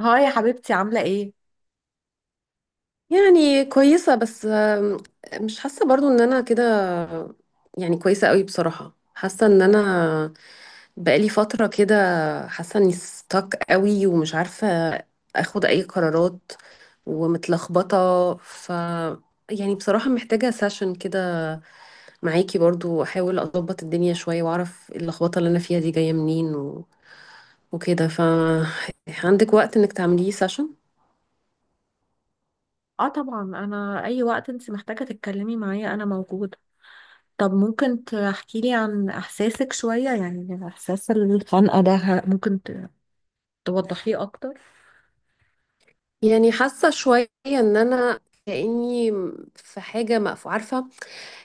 هاي يا حبيبتي، عاملة ايه؟ يعني كويسة بس، مش حاسة برضو ان انا كده. يعني كويسة قوي بصراحة، حاسة ان انا بقالي فترة كده، حاسة اني ستك قوي ومش عارفة اخد اي قرارات، ومتلخبطة، يعني بصراحة محتاجة سيشن كده معاكي برضو، احاول اضبط الدنيا شوية واعرف اللخبطة اللي انا فيها دي جاية منين وكده، عندك وقت انك تعمليه سيشن؟ اه طبعا، انا اي وقت انت محتاجة تتكلمي معايا انا موجودة. طب ممكن تحكي لي عن احساسك شوية، يعني احساس الخنقة ده توضحيه اكتر؟ يعني حاسة شوية ان انا كأني في حاجة مقفولة، عارفة،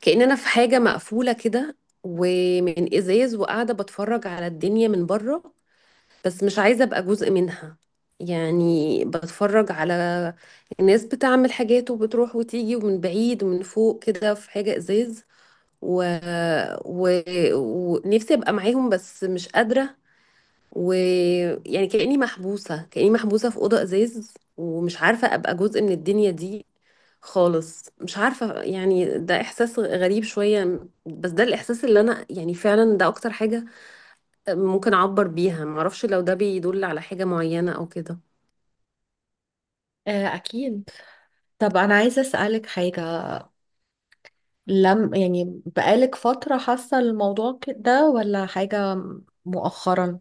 كأن انا في حاجة مقفولة كده، ومن ازاز، وقاعدة بتفرج على الدنيا من بره بس مش عايزة ابقى جزء منها. يعني بتفرج على الناس بتعمل حاجات وبتروح وتيجي، ومن بعيد ومن فوق كده في حاجة ازاز، و... و... ونفسي ابقى معاهم بس مش قادرة. ويعني كأني محبوسة في أوضة إزاز ومش عارفة أبقى جزء من الدنيا دي خالص. مش عارفة يعني، ده إحساس غريب شوية بس ده الإحساس اللي أنا، يعني فعلا ده أكتر حاجة ممكن أعبر بيها. معرفش لو ده بيدل على حاجة معينة أو كده. آه أكيد. طب انا عايزة اسألك حاجة. لم يعني بقالك فترة حاسة الموضوع ده ولا حاجة مؤخرا؟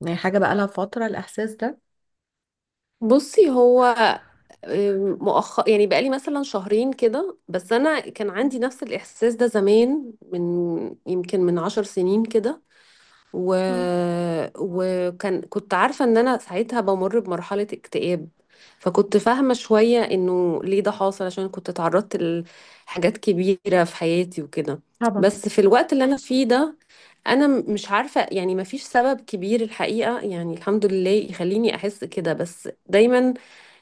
يعني حاجة بقالها فترة الاحساس ده؟ بصي، هو مؤخر يعني بقالي مثلا شهرين كده، بس أنا كان عندي نفس الإحساس ده زمان، يمكن من 10 سنين كده، و... مم. وكان كنت عارفة ان انا ساعتها بمر بمرحلة اكتئاب، فكنت فاهمة شوية انه ليه ده حاصل، عشان كنت اتعرضت لحاجات كبيرة في حياتي وكده. طبعا. بس في الوقت اللي انا فيه ده، انا مش عارفة، يعني مفيش سبب كبير الحقيقة، يعني الحمد لله، يخليني احس كده، بس دايما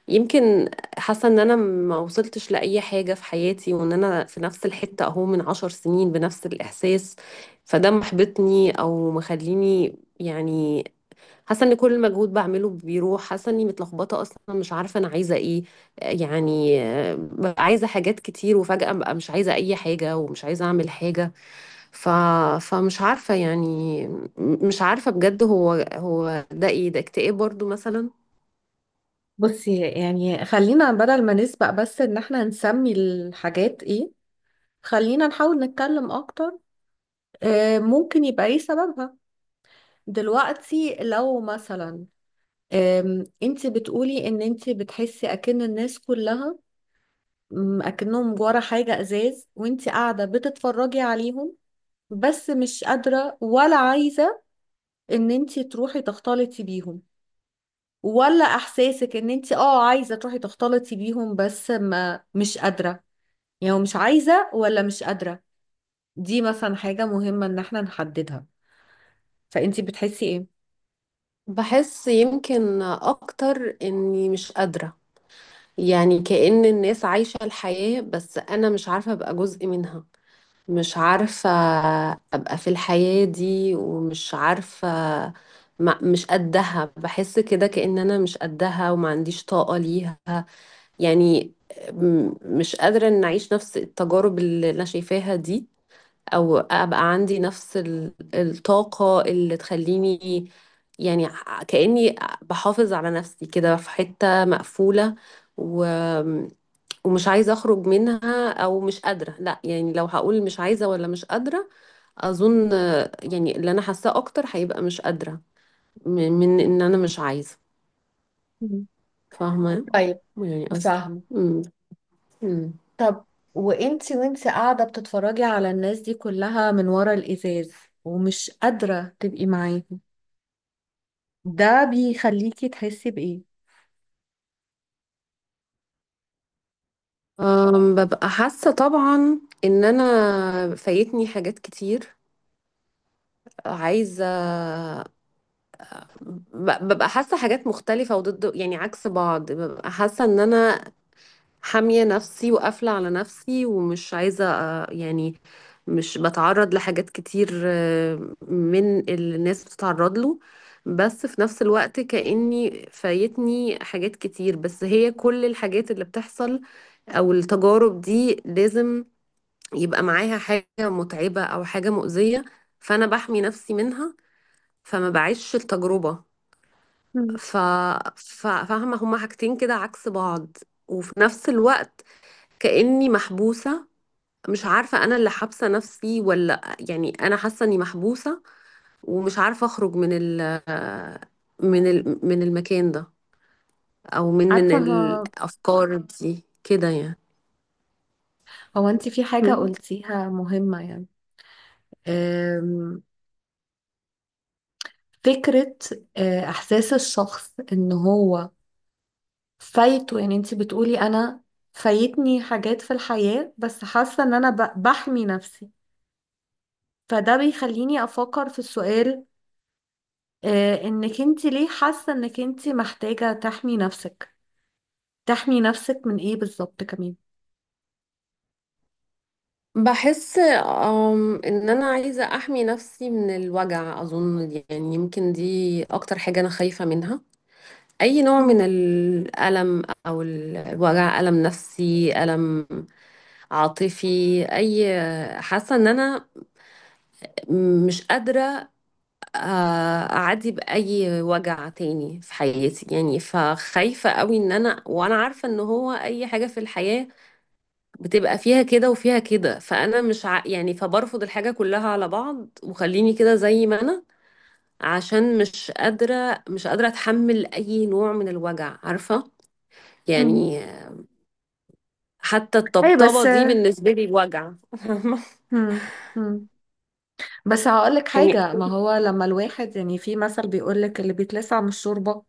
يمكن حاسة ان انا ما وصلتش لأي حاجة في حياتي، وان انا في نفس الحتة اهو من 10 سنين بنفس الإحساس، فده محبطني او مخليني يعني حاسة ان كل مجهود بعمله بيروح، حاسة اني متلخبطة اصلا، مش عارفة انا عايزة ايه. يعني ببقى عايزة حاجات كتير، وفجأة ببقى مش عايزة اي حاجة ومش عايزة اعمل حاجة، ف... فمش عارفة يعني، مش عارفة بجد، هو ده ايه، ده اكتئاب برضو مثلا؟ بصي، يعني خلينا بدل ما نسبق بس ان احنا نسمي الحاجات ايه، خلينا نحاول نتكلم اكتر. ممكن يبقى ايه سببها دلوقتي؟ لو مثلا انت بتقولي ان انت بتحسي اكن الناس كلها، اكنهم ورا حاجة ازاز وانت قاعدة بتتفرجي عليهم بس مش قادرة ولا عايزة ان انت تروحي تختلطي بيهم، ولا احساسك ان انت اه عايزة تروحي تختلطي بيهم بس ما مش قادرة؟ يعني مش عايزة ولا مش قادرة؟ دي مثلا حاجة مهمة ان احنا نحددها، فانتي بتحسي ايه؟ بحس يمكن اكتر اني مش قادرة، يعني كأن الناس عايشة الحياة بس انا مش عارفة ابقى جزء منها، مش عارفة ابقى في الحياة دي، ومش عارفة، ما مش قدها، بحس كده كأن انا مش قدها وما عنديش طاقة ليها. يعني مش قادرة ان اعيش نفس التجارب اللي انا شايفاها دي، او ابقى عندي نفس الطاقة اللي تخليني، يعني كأني بحافظ على نفسي كده في حتة مقفولة، و... ومش عايزة اخرج منها او مش قادرة، لا يعني لو هقول مش عايزة ولا مش قادرة، اظن، يعني اللي انا حاساه اكتر هيبقى مش قادرة، م- من ان انا مش عايزة. مم. فاهمة طيب. يعني قصدي. فاهمة. مم. مم. طب وانتي قاعدة بتتفرجي على الناس دي كلها من ورا الإزاز ومش قادرة تبقي معاهم، ده بيخليكي تحسي بإيه؟ ببقى حاسة طبعا ان انا فايتني حاجات كتير، عايزة، ببقى حاسة حاجات مختلفة وضد، يعني عكس بعض، ببقى حاسة ان انا حامية نفسي وقافلة على نفسي ومش عايزة، يعني مش بتعرض لحاجات كتير من اللي الناس بتتعرض له. بس في نفس الوقت كأني فايتني حاجات كتير، بس هي كل الحاجات اللي بتحصل او التجارب دي لازم يبقى معاها حاجة متعبة او حاجة مؤذية، فانا بحمي نفسي منها فما بعيش التجربة. مم. ف... فاهمة، هما حاجتين كده عكس بعض، وفي نفس الوقت كأني محبوسة. مش عارفة أنا اللي حابسة نفسي ولا يعني أنا حاسة إني محبوسة، ومش عارفة أخرج من المكان ده، أو من عارفة، هو, الأفكار دي كده يعني. هو انتي في حاجة مم. قلتيها مهمة، يعني أم... فكرة. إحساس الشخص إن هو فايته، يعني انتي بتقولي أنا فايتني حاجات في الحياة بس حاسة إن أنا بحمي نفسي. فده بيخليني أفكر في السؤال، انك انت ليه حاسة انك انت محتاجة تحمي نفسك؟ تحمي نفسك من ايه بالظبط كمان؟ بحس إن أنا عايزة أحمي نفسي من الوجع، أظن دي، يعني يمكن دي أكتر حاجة أنا خايفة منها، أي نوع من مم. الألم أو الوجع، ألم نفسي، ألم عاطفي، أي، حاسة إن أنا مش قادرة، آه، أعدي بأي وجع تاني في حياتي. يعني فخايفة قوي، إن أنا وأنا عارفة إن هو أي حاجة في الحياة بتبقى فيها كده وفيها كده، فأنا مش ع... يعني فبرفض الحاجة كلها على بعض، وخليني كده زي ما أنا، عشان مش قادرة أتحمل أي نوع من الوجع. عارفة مم. يعني، حتى اي الطبطبة بس. دي بالنسبة لي وجع. مم. مم. بس هقولك يعني. حاجة، ما هو لما الواحد، يعني في مثل بيقولك اللي بيتلسع من الشوربة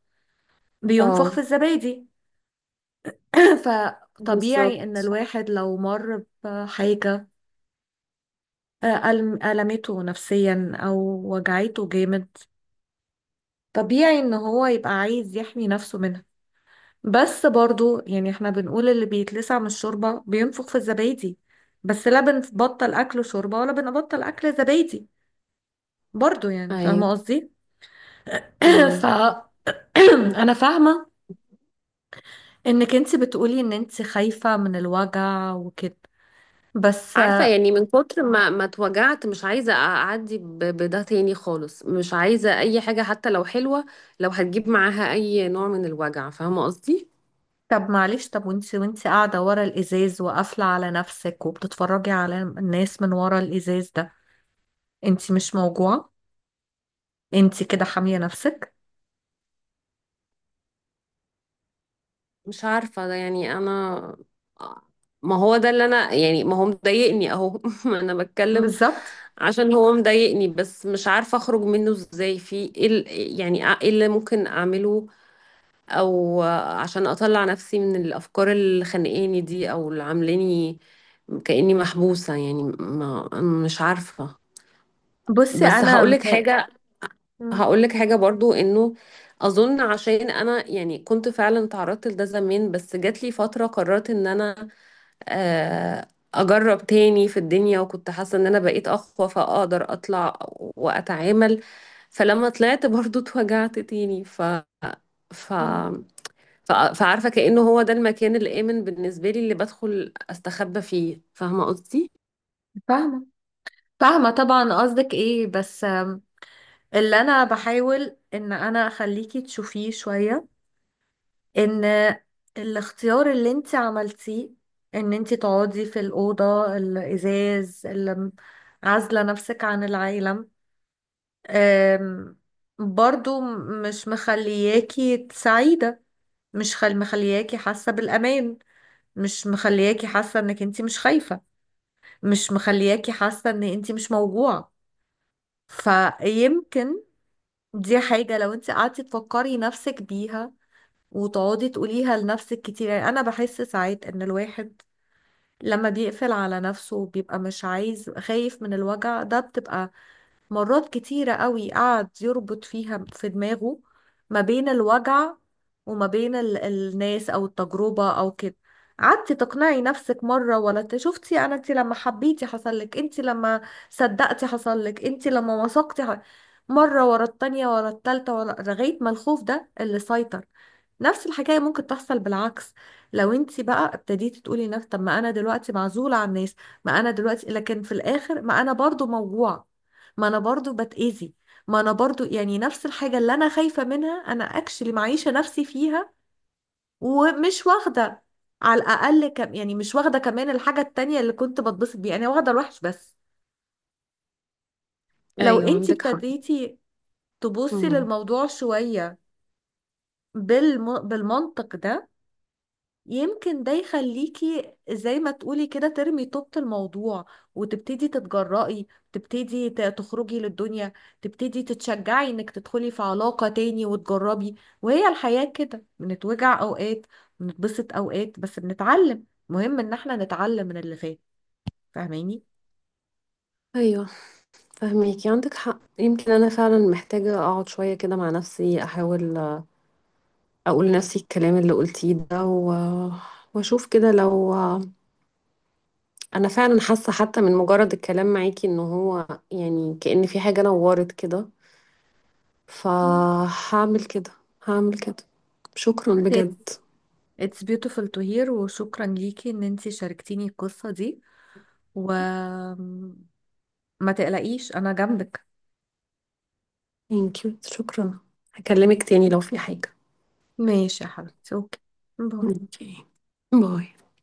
بينفخ اه. في الزبادي. فطبيعي ان بالظبط. الواحد لو مر بحاجة ألمته نفسيا او وجعته جامد، طبيعي ان هو يبقى عايز يحمي نفسه منها. بس برضو، يعني احنا بنقول اللي بيتلسع من الشوربة بينفخ في الزبادي بس لا بنبطل أكل شوربة ولا بنبطل أكل زبادي. برضو يعني ايوه. فاهمة قصدي؟ ف امم. أنا فاهمة إنك انت بتقولي إن انت خايفة من الوجع وكده، بس عارفة، يعني من كتر ما اتوجعت، مش عايزة اعدي بده تاني خالص، مش عايزة اي حاجة حتى لو حلوة لو هتجيب معاها اي نوع من الوجع. فاهمة قصدي؟ طب معلش، طب وانت قاعدة ورا الإزاز وقافلة على نفسك وبتتفرجي على الناس من ورا الإزاز ده، انت مش موجوعة؟ انت كده حامية نفسك؟ مش عارفة ده، يعني انا، ما هو ده اللي انا، يعني ما هو مضايقني اهو، ما انا بتكلم بالظبط. عشان هو مضايقني، بس مش عارفة اخرج منه ازاي، يعني ايه اللي ممكن اعمله، او عشان اطلع نفسي من الافكار اللي خانقاني دي، او اللي عاملاني كاني محبوسه، يعني ما مش عارفه. بصي، بس أنا هقولك متهيأ. حاجه هقولك حاجه برضو، انه اظن عشان انا، يعني كنت فعلا تعرضت لده زمان، بس جات لي فتره قررت ان انا، آه، اجرب تاني في الدنيا، وكنت حاسه ان انا بقيت اقوى فاقدر اطلع واتعامل، فلما طلعت برضو اتوجعت تاني، ف فعارفة كأنه هو ده المكان الآمن بالنسبة لي اللي بدخل أستخبى فيه. فاهمة قصدي؟ فاهمة. فاهمة طبعا قصدك ايه، بس اللي انا بحاول ان انا اخليكي تشوفيه شوية ان الاختيار اللي انت عملتيه، ان انت تقعدي في الأوضة الإزاز اللي عازلة نفسك عن العالم، آم، برضو مش مخلياكي سعيدة، مش خل مخلياكي حاسة بالأمان، مش مخلياكي حاسة انك انت مش خايفة، مش مخلياكي حاسة ان انت مش موجوعة. فيمكن دي حاجة لو انت قعدتي تفكري نفسك بيها وتقعدي تقوليها لنفسك كتير. يعني انا بحس ساعات ان الواحد لما بيقفل على نفسه وبيبقى مش عايز، خايف من الوجع، ده بتبقى مرات كتيرة قوي قعد يربط فيها في دماغه ما بين الوجع وما بين الناس أو التجربة أو كده. قعدتي تقنعي نفسك مرة ولا شفتي أنا أنت لما حبيتي حصل لك، أنت لما صدقتي حصل لك، أنت لما وثقتي مرة ورا التانية ورا التالتة ورا، لغاية ما الخوف ده اللي سيطر. نفس الحكاية ممكن تحصل بالعكس، لو انت بقى ابتديتي تقولي نفس، طب ما انا دلوقتي معزولة عن الناس، ما انا دلوقتي، لكن في الاخر ما انا برضو موجوعة، ما انا برضو بتأذي، ما انا برضو يعني نفس الحاجة اللي انا خايفة منها انا اكشلي معيشة نفسي فيها، ومش واخدة على الاقل كم، يعني مش واخدة كمان الحاجة التانية اللي كنت بتبسط بيها، انا واخدة الوحش بس. لو أيوة انتي عندك حق. ابتديتي تبصي مم. للموضوع شوية بالمنطق ده، يمكن ده يخليكي زي ما تقولي كده ترمي طوبة الموضوع وتبتدي تتجرأي، تبتدي تخرجي للدنيا، تبتدي تتشجعي انك تدخلي في علاقة تاني وتجربي. وهي الحياة كده، بنتوجع اوقات، بنتبسط اوقات، بس بنتعلم. مهم ان احنا نتعلم من اللي فات. فاهماني؟ أيوة، فهميكي عندك حق، يمكن أنا فعلا محتاجة أقعد شوية كده مع نفسي، أحاول، أقول لنفسي الكلام اللي قلتيه ده، وأشوف كده لو، أنا فعلا حاسة حتى من مجرد الكلام معاكي إنه هو، يعني كأن في حاجة نورت كده. مم. فهعمل كده هعمل كده. شكرا It's بجد. Beautiful to hear. وشكرا ليكي ان انتي شاركتيني القصة دي، وما تقلقيش انا جنبك. ثانك يو، شكرا. هكلمك تاني لو في حاجة. ماشي يا حبيبتي، اوكي، باي. اوكي. باي.